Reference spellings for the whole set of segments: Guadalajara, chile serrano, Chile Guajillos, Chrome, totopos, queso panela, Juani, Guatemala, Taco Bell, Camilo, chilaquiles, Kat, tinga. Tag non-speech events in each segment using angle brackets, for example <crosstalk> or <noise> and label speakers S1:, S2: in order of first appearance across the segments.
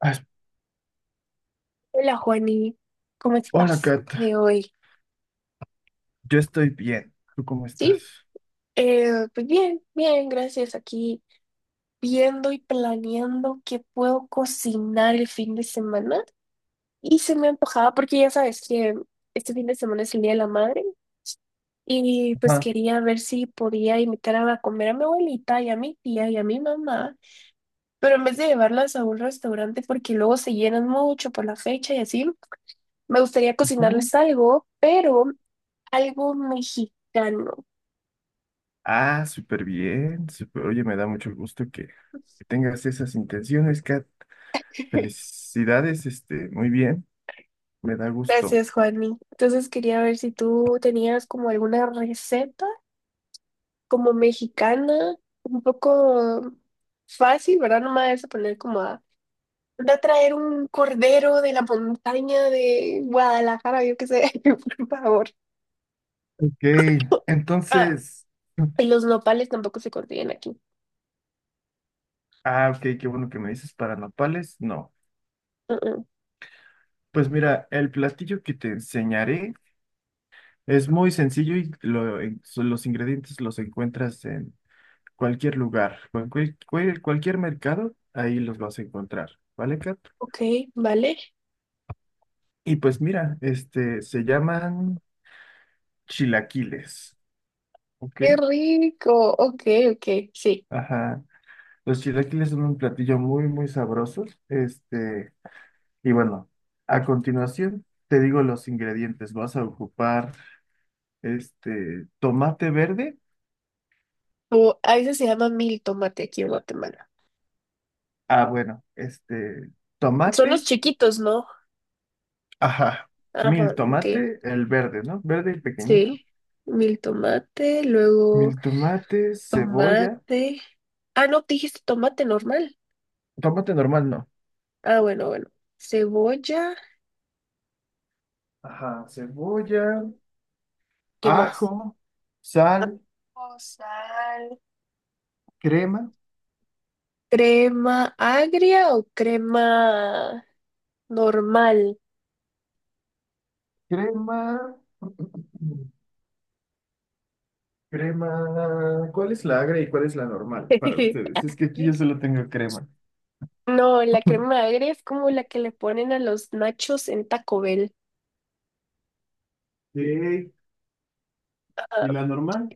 S1: Ah, es-
S2: Hola Juani, ¿cómo
S1: Hola,
S2: estás
S1: Kat.
S2: de hoy?
S1: Yo estoy bien. ¿Tú cómo
S2: Sí,
S1: estás?
S2: pues bien, bien, gracias. Aquí viendo y planeando qué puedo cocinar el fin de semana. Y se me antojaba porque ya sabes que este fin de semana es el Día de la Madre y pues
S1: Ajá,
S2: quería ver si podía invitar a comer a mi abuelita y a mi tía y a mi mamá, pero en vez de llevarlas a un restaurante porque luego se llenan mucho por la fecha y así, me gustaría
S1: ujú.
S2: cocinarles algo, pero algo mexicano.
S1: Ah, súper bien. Oye, me da mucho gusto que tengas esas intenciones, Kat. Felicidades, muy bien. Me da gusto.
S2: Gracias, Juani. Entonces quería ver si tú tenías como alguna receta como mexicana, un poco fácil, ¿verdad? No me vayas a poner como a, anda a traer un cordero de la montaña de Guadalajara, yo qué sé, <laughs> por favor.
S1: Ok,
S2: Ah,
S1: entonces.
S2: y los nopales tampoco se consiguen aquí.
S1: Ah, ok, qué bueno que me dices para nopales. No.
S2: Uh-uh.
S1: Pues mira, el platillo que te enseñaré es muy sencillo y los ingredientes los encuentras cualquier lugar, cualquier mercado, ahí los vas a encontrar, ¿vale, Kat?
S2: Ok, vale.
S1: Y pues mira, se llaman chilaquiles, ¿ok?
S2: Qué rico. Ok, ok, sí.
S1: Ajá. Los chilaquiles son un platillo muy, muy sabroso. Y bueno, a continuación te digo los ingredientes. Vas a ocupar, tomate verde.
S2: O, a veces se llama mil tomate aquí en Guatemala.
S1: Ah, bueno,
S2: Son los
S1: tomate,
S2: chiquitos, ¿no?
S1: ajá,
S2: Ajá,
S1: mil
S2: ok.
S1: tomate, el verde, ¿no? Verde y
S2: Sí,
S1: pequeñito.
S2: mil tomate,
S1: Mil
S2: luego
S1: tomates, cebolla,
S2: tomate. Ah, no, dijiste tomate normal.
S1: tomate normal, no.
S2: Ah, bueno, bueno. Cebolla,
S1: Ajá, cebolla,
S2: ¿qué más?
S1: ajo, sal,
S2: O sal.
S1: crema,
S2: ¿Crema agria o crema normal?
S1: crema, crema. ¿Cuál es la agra y cuál es la normal para ustedes?
S2: <laughs>
S1: Es que aquí yo solo tengo crema.
S2: No, la crema agria es como la que le ponen a los nachos en Taco Bell.
S1: Sí,
S2: Ah,
S1: ¿y la normal?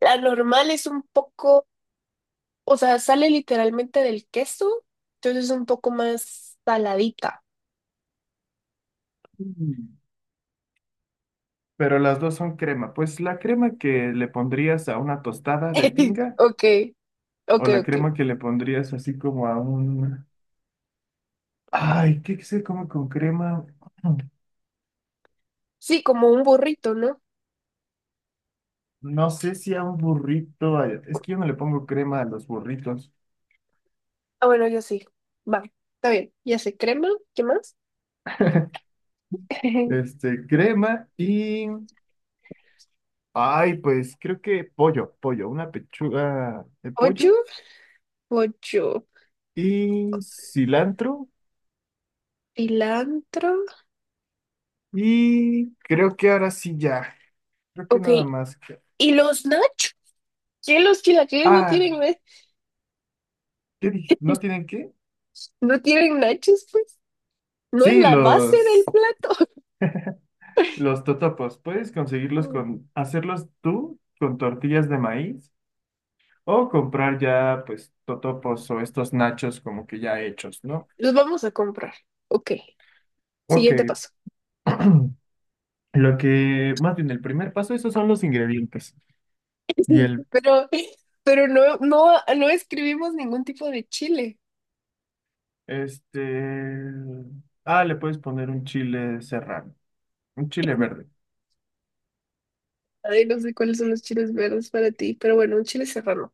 S2: la normal es un poco, o sea, sale literalmente del queso, entonces es un poco más saladita.
S1: Mm. Pero las dos son crema. Pues la crema que le pondrías a una tostada de
S2: <laughs>
S1: tinga
S2: Ok,
S1: o
S2: Ok,
S1: la
S2: ok.
S1: crema que le pondrías así como a un... Ay, ¿qué se come con crema?
S2: Sí, como un burrito, ¿no?
S1: No sé si a un burrito, ay, es que yo no le pongo crema a los burritos.
S2: Ah, bueno, yo sí. Va, está bien. Ya sé, crema, ¿qué más? <laughs>
S1: Crema y, ay, pues creo que pollo, una pechuga de pollo
S2: Pollo, pollo,
S1: y cilantro
S2: cilantro.
S1: y creo que ahora sí ya, creo que
S2: Ok.
S1: nada más.
S2: ¿Y los nachos? ¿Qué los chilaquiles no
S1: Ah,
S2: tienen, na-
S1: ¿qué dije? ¿No
S2: <laughs>
S1: tienen qué?
S2: no tienen nachos, pues? ¿No es
S1: Sí,
S2: la base del plato?
S1: los totopos, puedes conseguirlos
S2: <laughs>
S1: hacerlos tú con tortillas de maíz o comprar ya, pues, totopos o estos nachos como que ya hechos, ¿no?
S2: Los vamos a comprar. Ok,
S1: Ok,
S2: siguiente paso.
S1: <clears throat> lo que, más bien, el primer paso, esos son los ingredientes. Y el,
S2: Pero, pero no escribimos ningún tipo de chile.
S1: este, ah, le puedes poner un chile serrano, un chile
S2: <laughs>
S1: verde.
S2: Ay, no sé cuáles son los chiles verdes para ti, pero bueno, un chile serrano.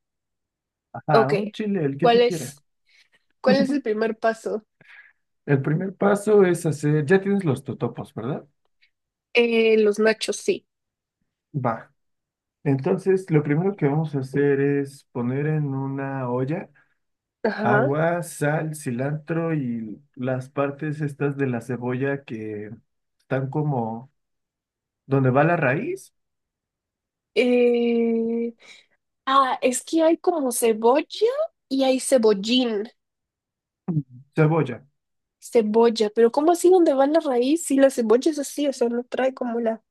S1: Ajá,
S2: Ok,
S1: un chile, el que
S2: ¿cuál
S1: tú
S2: es,
S1: quieras.
S2: ¿cuál es el primer paso?
S1: El primer paso es hacer, ya tienes los totopos, ¿verdad?
S2: Los nachos, sí.
S1: Va. Entonces, lo primero que vamos a hacer es poner en una olla
S2: Ajá.
S1: agua, sal, cilantro y las partes estas de la cebolla que están como donde va la raíz.
S2: Eh, ah, es que hay como cebolla y hay cebollín,
S1: Cebolla.
S2: cebolla, pero ¿cómo así donde va la raíz? Si la cebolla es así, o sea, no trae como la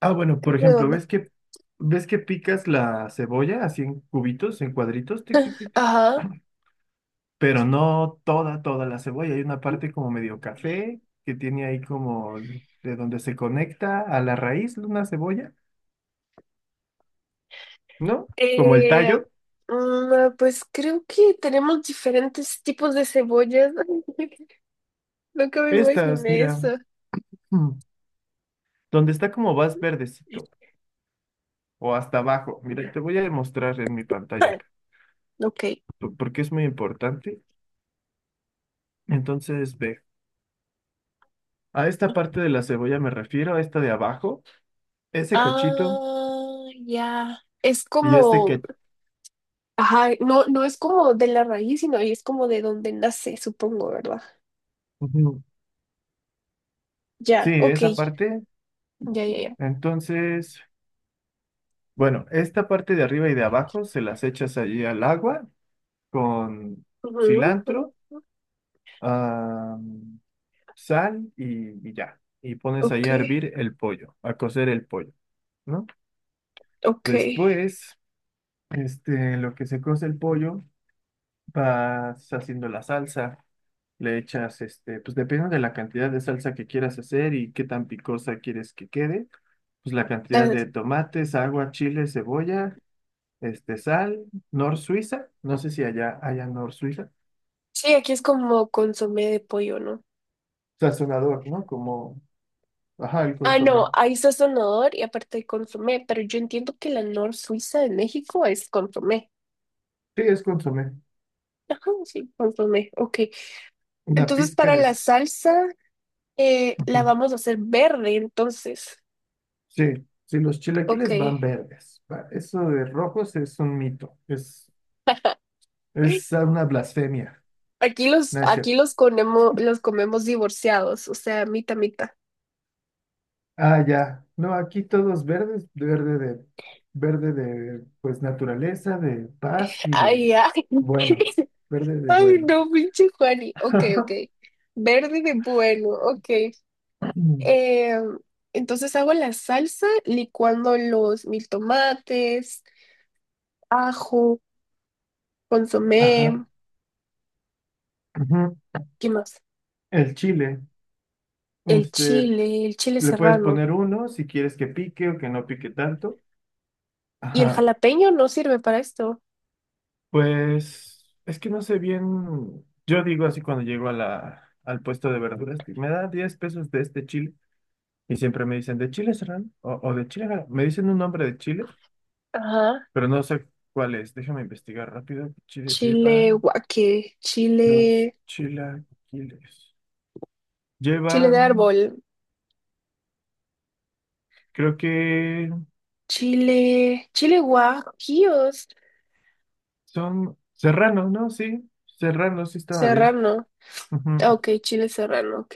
S1: Ah, bueno, por ejemplo,
S2: redonda.
S1: ¿ves que picas la cebolla así en cubitos, en cuadritos, tic, tic, tic, tic?
S2: Ajá.
S1: Pero no toda la cebolla. Hay una parte como medio café que tiene ahí como de donde se conecta a la raíz de una cebolla, ¿no? Como el
S2: Eh,
S1: tallo.
S2: pues creo que tenemos diferentes tipos de cebollas. <laughs> Nunca me
S1: Estas,
S2: imaginé eso.
S1: mira, mm, donde está como más verdecito o hasta abajo. Mira, te voy a demostrar en mi pantalla
S2: <laughs>
S1: acá,
S2: Ok.
S1: porque es muy importante. Entonces, ve, a esta parte de la cebolla me refiero, a esta de abajo, ese cachito.
S2: Ah, ya. Es
S1: Y este
S2: como
S1: que,
S2: Ajá, no, no es como de la raíz, sino ahí es como de donde nace, supongo, ¿verdad?
S1: ujú, sí,
S2: Ya, ok,
S1: esa parte,
S2: ya, ya, ya.
S1: entonces, bueno, esta parte de arriba y de abajo se las echas allí al agua con
S2: Ujú, ujú,
S1: cilantro, ah, sal y ya. Y pones
S2: Ok,
S1: ahí a hervir el pollo, a cocer el pollo, ¿no?
S2: ok.
S1: Después, lo que se cose el pollo, vas haciendo la salsa. Le echas, pues depende de la cantidad de salsa que quieras hacer y qué tan picosa quieres que quede pues la cantidad
S2: La-
S1: de tomates, agua, chile, cebolla, sal, nor Suiza, no sé si allá haya nor Suiza,
S2: sí, aquí es como consomé de pollo, ¿no?
S1: sazonador, ¿no? Como, ajá, el
S2: Ah, no,
S1: consomé.
S2: ahí está sonador y aparte hay consomé, pero yo entiendo que la nor Suiza de México es consomé.
S1: Sí, es consomé.
S2: Ajá, sí, consomé, ok.
S1: Una
S2: Entonces,
S1: pizca
S2: para
S1: de...
S2: la salsa, la
S1: ujú.
S2: vamos a hacer verde, entonces,
S1: Sí, sí, los
S2: ok.
S1: chilaquiles van verdes. Va, Eso de rojos es un mito, es una blasfemia, no es
S2: Aquí
S1: cierto.
S2: los comemos divorciados, o sea, mitad, mitad.
S1: Ah, ya. No, aquí todos verdes, verde de, pues, naturaleza, de paz y
S2: Ay,
S1: de
S2: ay.
S1: buenos,
S2: <laughs>
S1: verde de
S2: Ay,
S1: buenos.
S2: no, pinche Juani. Ok, ok.
S1: <laughs>
S2: Verde de bueno, ok. Eh, entonces hago la salsa licuando los mil tomates, ajo, consomé,
S1: Ajá. ujú.
S2: ¿qué más?
S1: El chile. Este,
S2: El chile
S1: le puedes
S2: serrano.
S1: poner uno si quieres que pique o que no pique tanto.
S2: Y el
S1: Ajá.
S2: jalapeño no sirve para esto.
S1: Pues es que no sé bien. Yo digo así cuando llego a al puesto de verduras, me da 10 pesos de este chile. Y siempre me dicen, ¿de chile serán? O de chile. Gala?". Me dicen un nombre de chile,
S2: Ajá.
S1: pero no sé cuál es. Déjame investigar rápido. Chile
S2: Chile
S1: lleva
S2: guaque,
S1: los
S2: chile,
S1: chilaquiles.
S2: chile de
S1: Llevan,
S2: árbol.
S1: creo que.
S2: Chile, Chile Guajillos,
S1: Son serrano, ¿no? Sí, serrano, sí estaba bien.
S2: Serrano.
S1: Ujú.
S2: Ah, Ok, Chile Serrano, ok.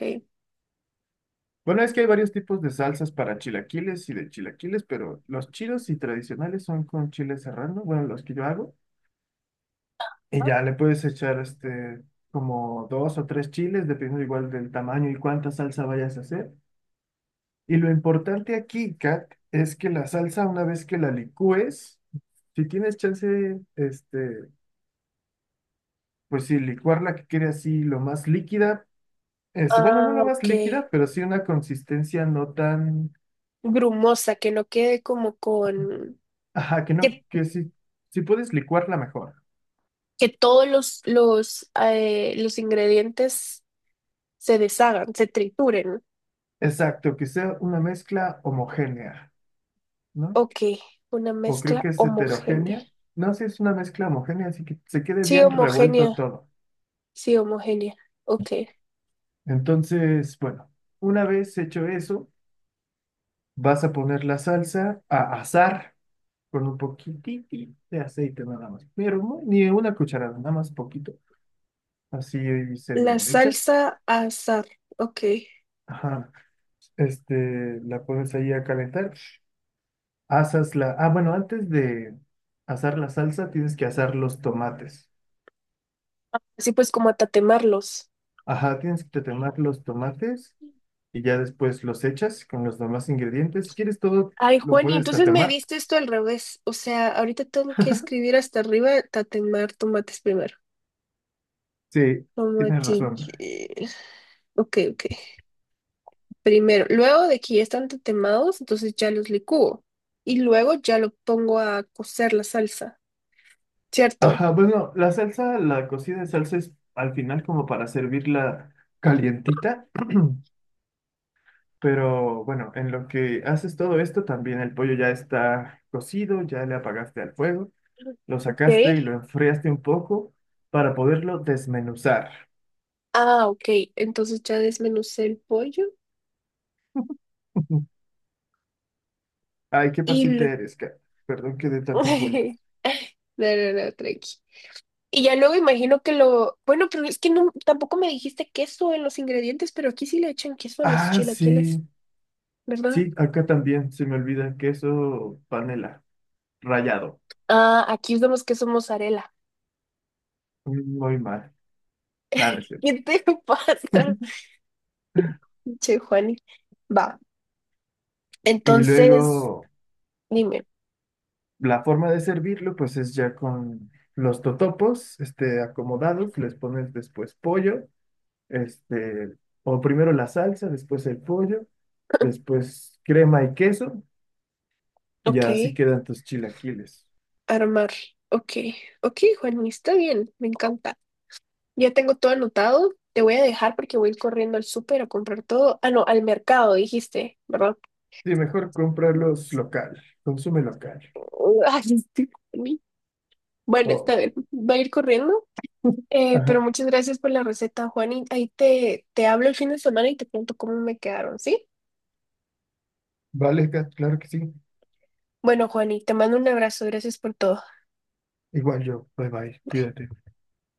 S1: Bueno, es que hay varios tipos de salsas para chilaquiles y de chilaquiles, pero los chidos y tradicionales son con chile serrano, bueno, los que yo hago. Y ya le puedes echar como dos o tres chiles, dependiendo igual del tamaño y cuánta salsa vayas a hacer. Y lo importante aquí, Kat, es que la salsa, una vez que la licúes, si tienes chance, pues sí, licuarla que quede así lo más líquida Es, bueno, no
S2: Ah,
S1: la más
S2: ok.
S1: líquida, pero sí una consistencia no tan...
S2: Grumosa, que no quede como con...
S1: Ajá,
S2: Que,
S1: que sí, si puedes licuarla mejor.
S2: que todos los ingredientes se deshagan, se trituren.
S1: Exacto, que sea una mezcla homogénea, ¿no?
S2: Ok, una
S1: O creo que
S2: mezcla
S1: es
S2: homogénea.
S1: heterogénea. No, sí es una mezcla homogénea, así que se quede
S2: Sí,
S1: bien revuelto
S2: homogénea,
S1: todo.
S2: sí, homogénea. Ok.
S1: Entonces, bueno, una vez hecho eso, vas a poner la salsa a asar con un poquitito de aceite nada más. Pero ni una cucharada, nada más poquito. Así se
S2: La
S1: lo echas.
S2: salsa azar, ok.
S1: Ajá. La pones ahí a calentar. Asas la... Ah, bueno, antes de asar la salsa tienes que asar los tomates.
S2: Así pues como a tatemarlos.
S1: Ajá, tienes que temar los tomates y ya después los echas con los demás ingredientes. Si quieres todo,
S2: Ay,
S1: lo
S2: Juan, y
S1: puedes
S2: entonces me
S1: tatemar.
S2: diste esto al revés. O sea, ahorita tengo que escribir hasta arriba, tatemar tomates primero.
S1: Sí, tienes razón.
S2: Tomatille. Ok, ok. Primero, luego de que ya están tatemados, entonces ya los licúo. Y luego ya lo pongo a cocer la salsa, ¿cierto?
S1: Ajá, bueno, la salsa, la cocida de salsa es al final como para servirla calientita. <clears throat> Pero bueno, en lo que haces todo esto, también el pollo ya está cocido, ya le apagaste al fuego. Lo
S2: Ok.
S1: sacaste y lo enfriaste un poco para poderlo desmenuzar.
S2: Ah, ok. Entonces ya desmenucé el pollo
S1: <laughs> Ay, qué
S2: y...
S1: paciente
S2: lo-
S1: eres, Kat. Perdón que dé tantas
S2: <laughs>
S1: vueltas.
S2: No, no, no, tranqui. Y ya luego imagino que lo, bueno, pero es que no, tampoco me dijiste queso en los ingredientes, pero aquí sí le echan queso a los
S1: Ah,
S2: chilaquiles,
S1: sí.
S2: ¿verdad?
S1: Sí, acá también se me olvida queso panela, rallado.
S2: Ah, aquí usamos queso mozzarella.
S1: Mm, muy mal. Nada, es cierto.
S2: ¿Qué te <laughs> pasa?
S1: <laughs>
S2: Che, Juani. Va,
S1: Y
S2: entonces,
S1: luego
S2: dime.
S1: la forma de servirlo, pues es ya con los totopos, acomodados, les pones después pollo, este, o primero la salsa, después el pollo,
S2: <laughs>
S1: después crema y queso, Y
S2: Ok,
S1: ya así quedan tus chilaquiles.
S2: armar. Ok, ok, Juani, está bien, me encanta. Ya tengo todo anotado. Te voy a dejar porque voy a ir corriendo al súper a comprar todo. Ah, no, al mercado, dijiste, ¿verdad?
S1: Sí, mejor
S2: <laughs>
S1: comprarlos local. Consume local.
S2: Ay, estoy- Bueno,
S1: Oh,
S2: está bien. Voy a ir corriendo
S1: <laughs> ajá.
S2: Pero muchas gracias por la receta, Juan. Y ahí te, te hablo el fin de semana y te cuento cómo me quedaron, ¿sí?
S1: Vale, Kat, claro que sí.
S2: Bueno, Juan, y te mando un abrazo. Gracias por todo.
S1: Igual yo. Bye bye.
S2: Bye.
S1: Cuídate.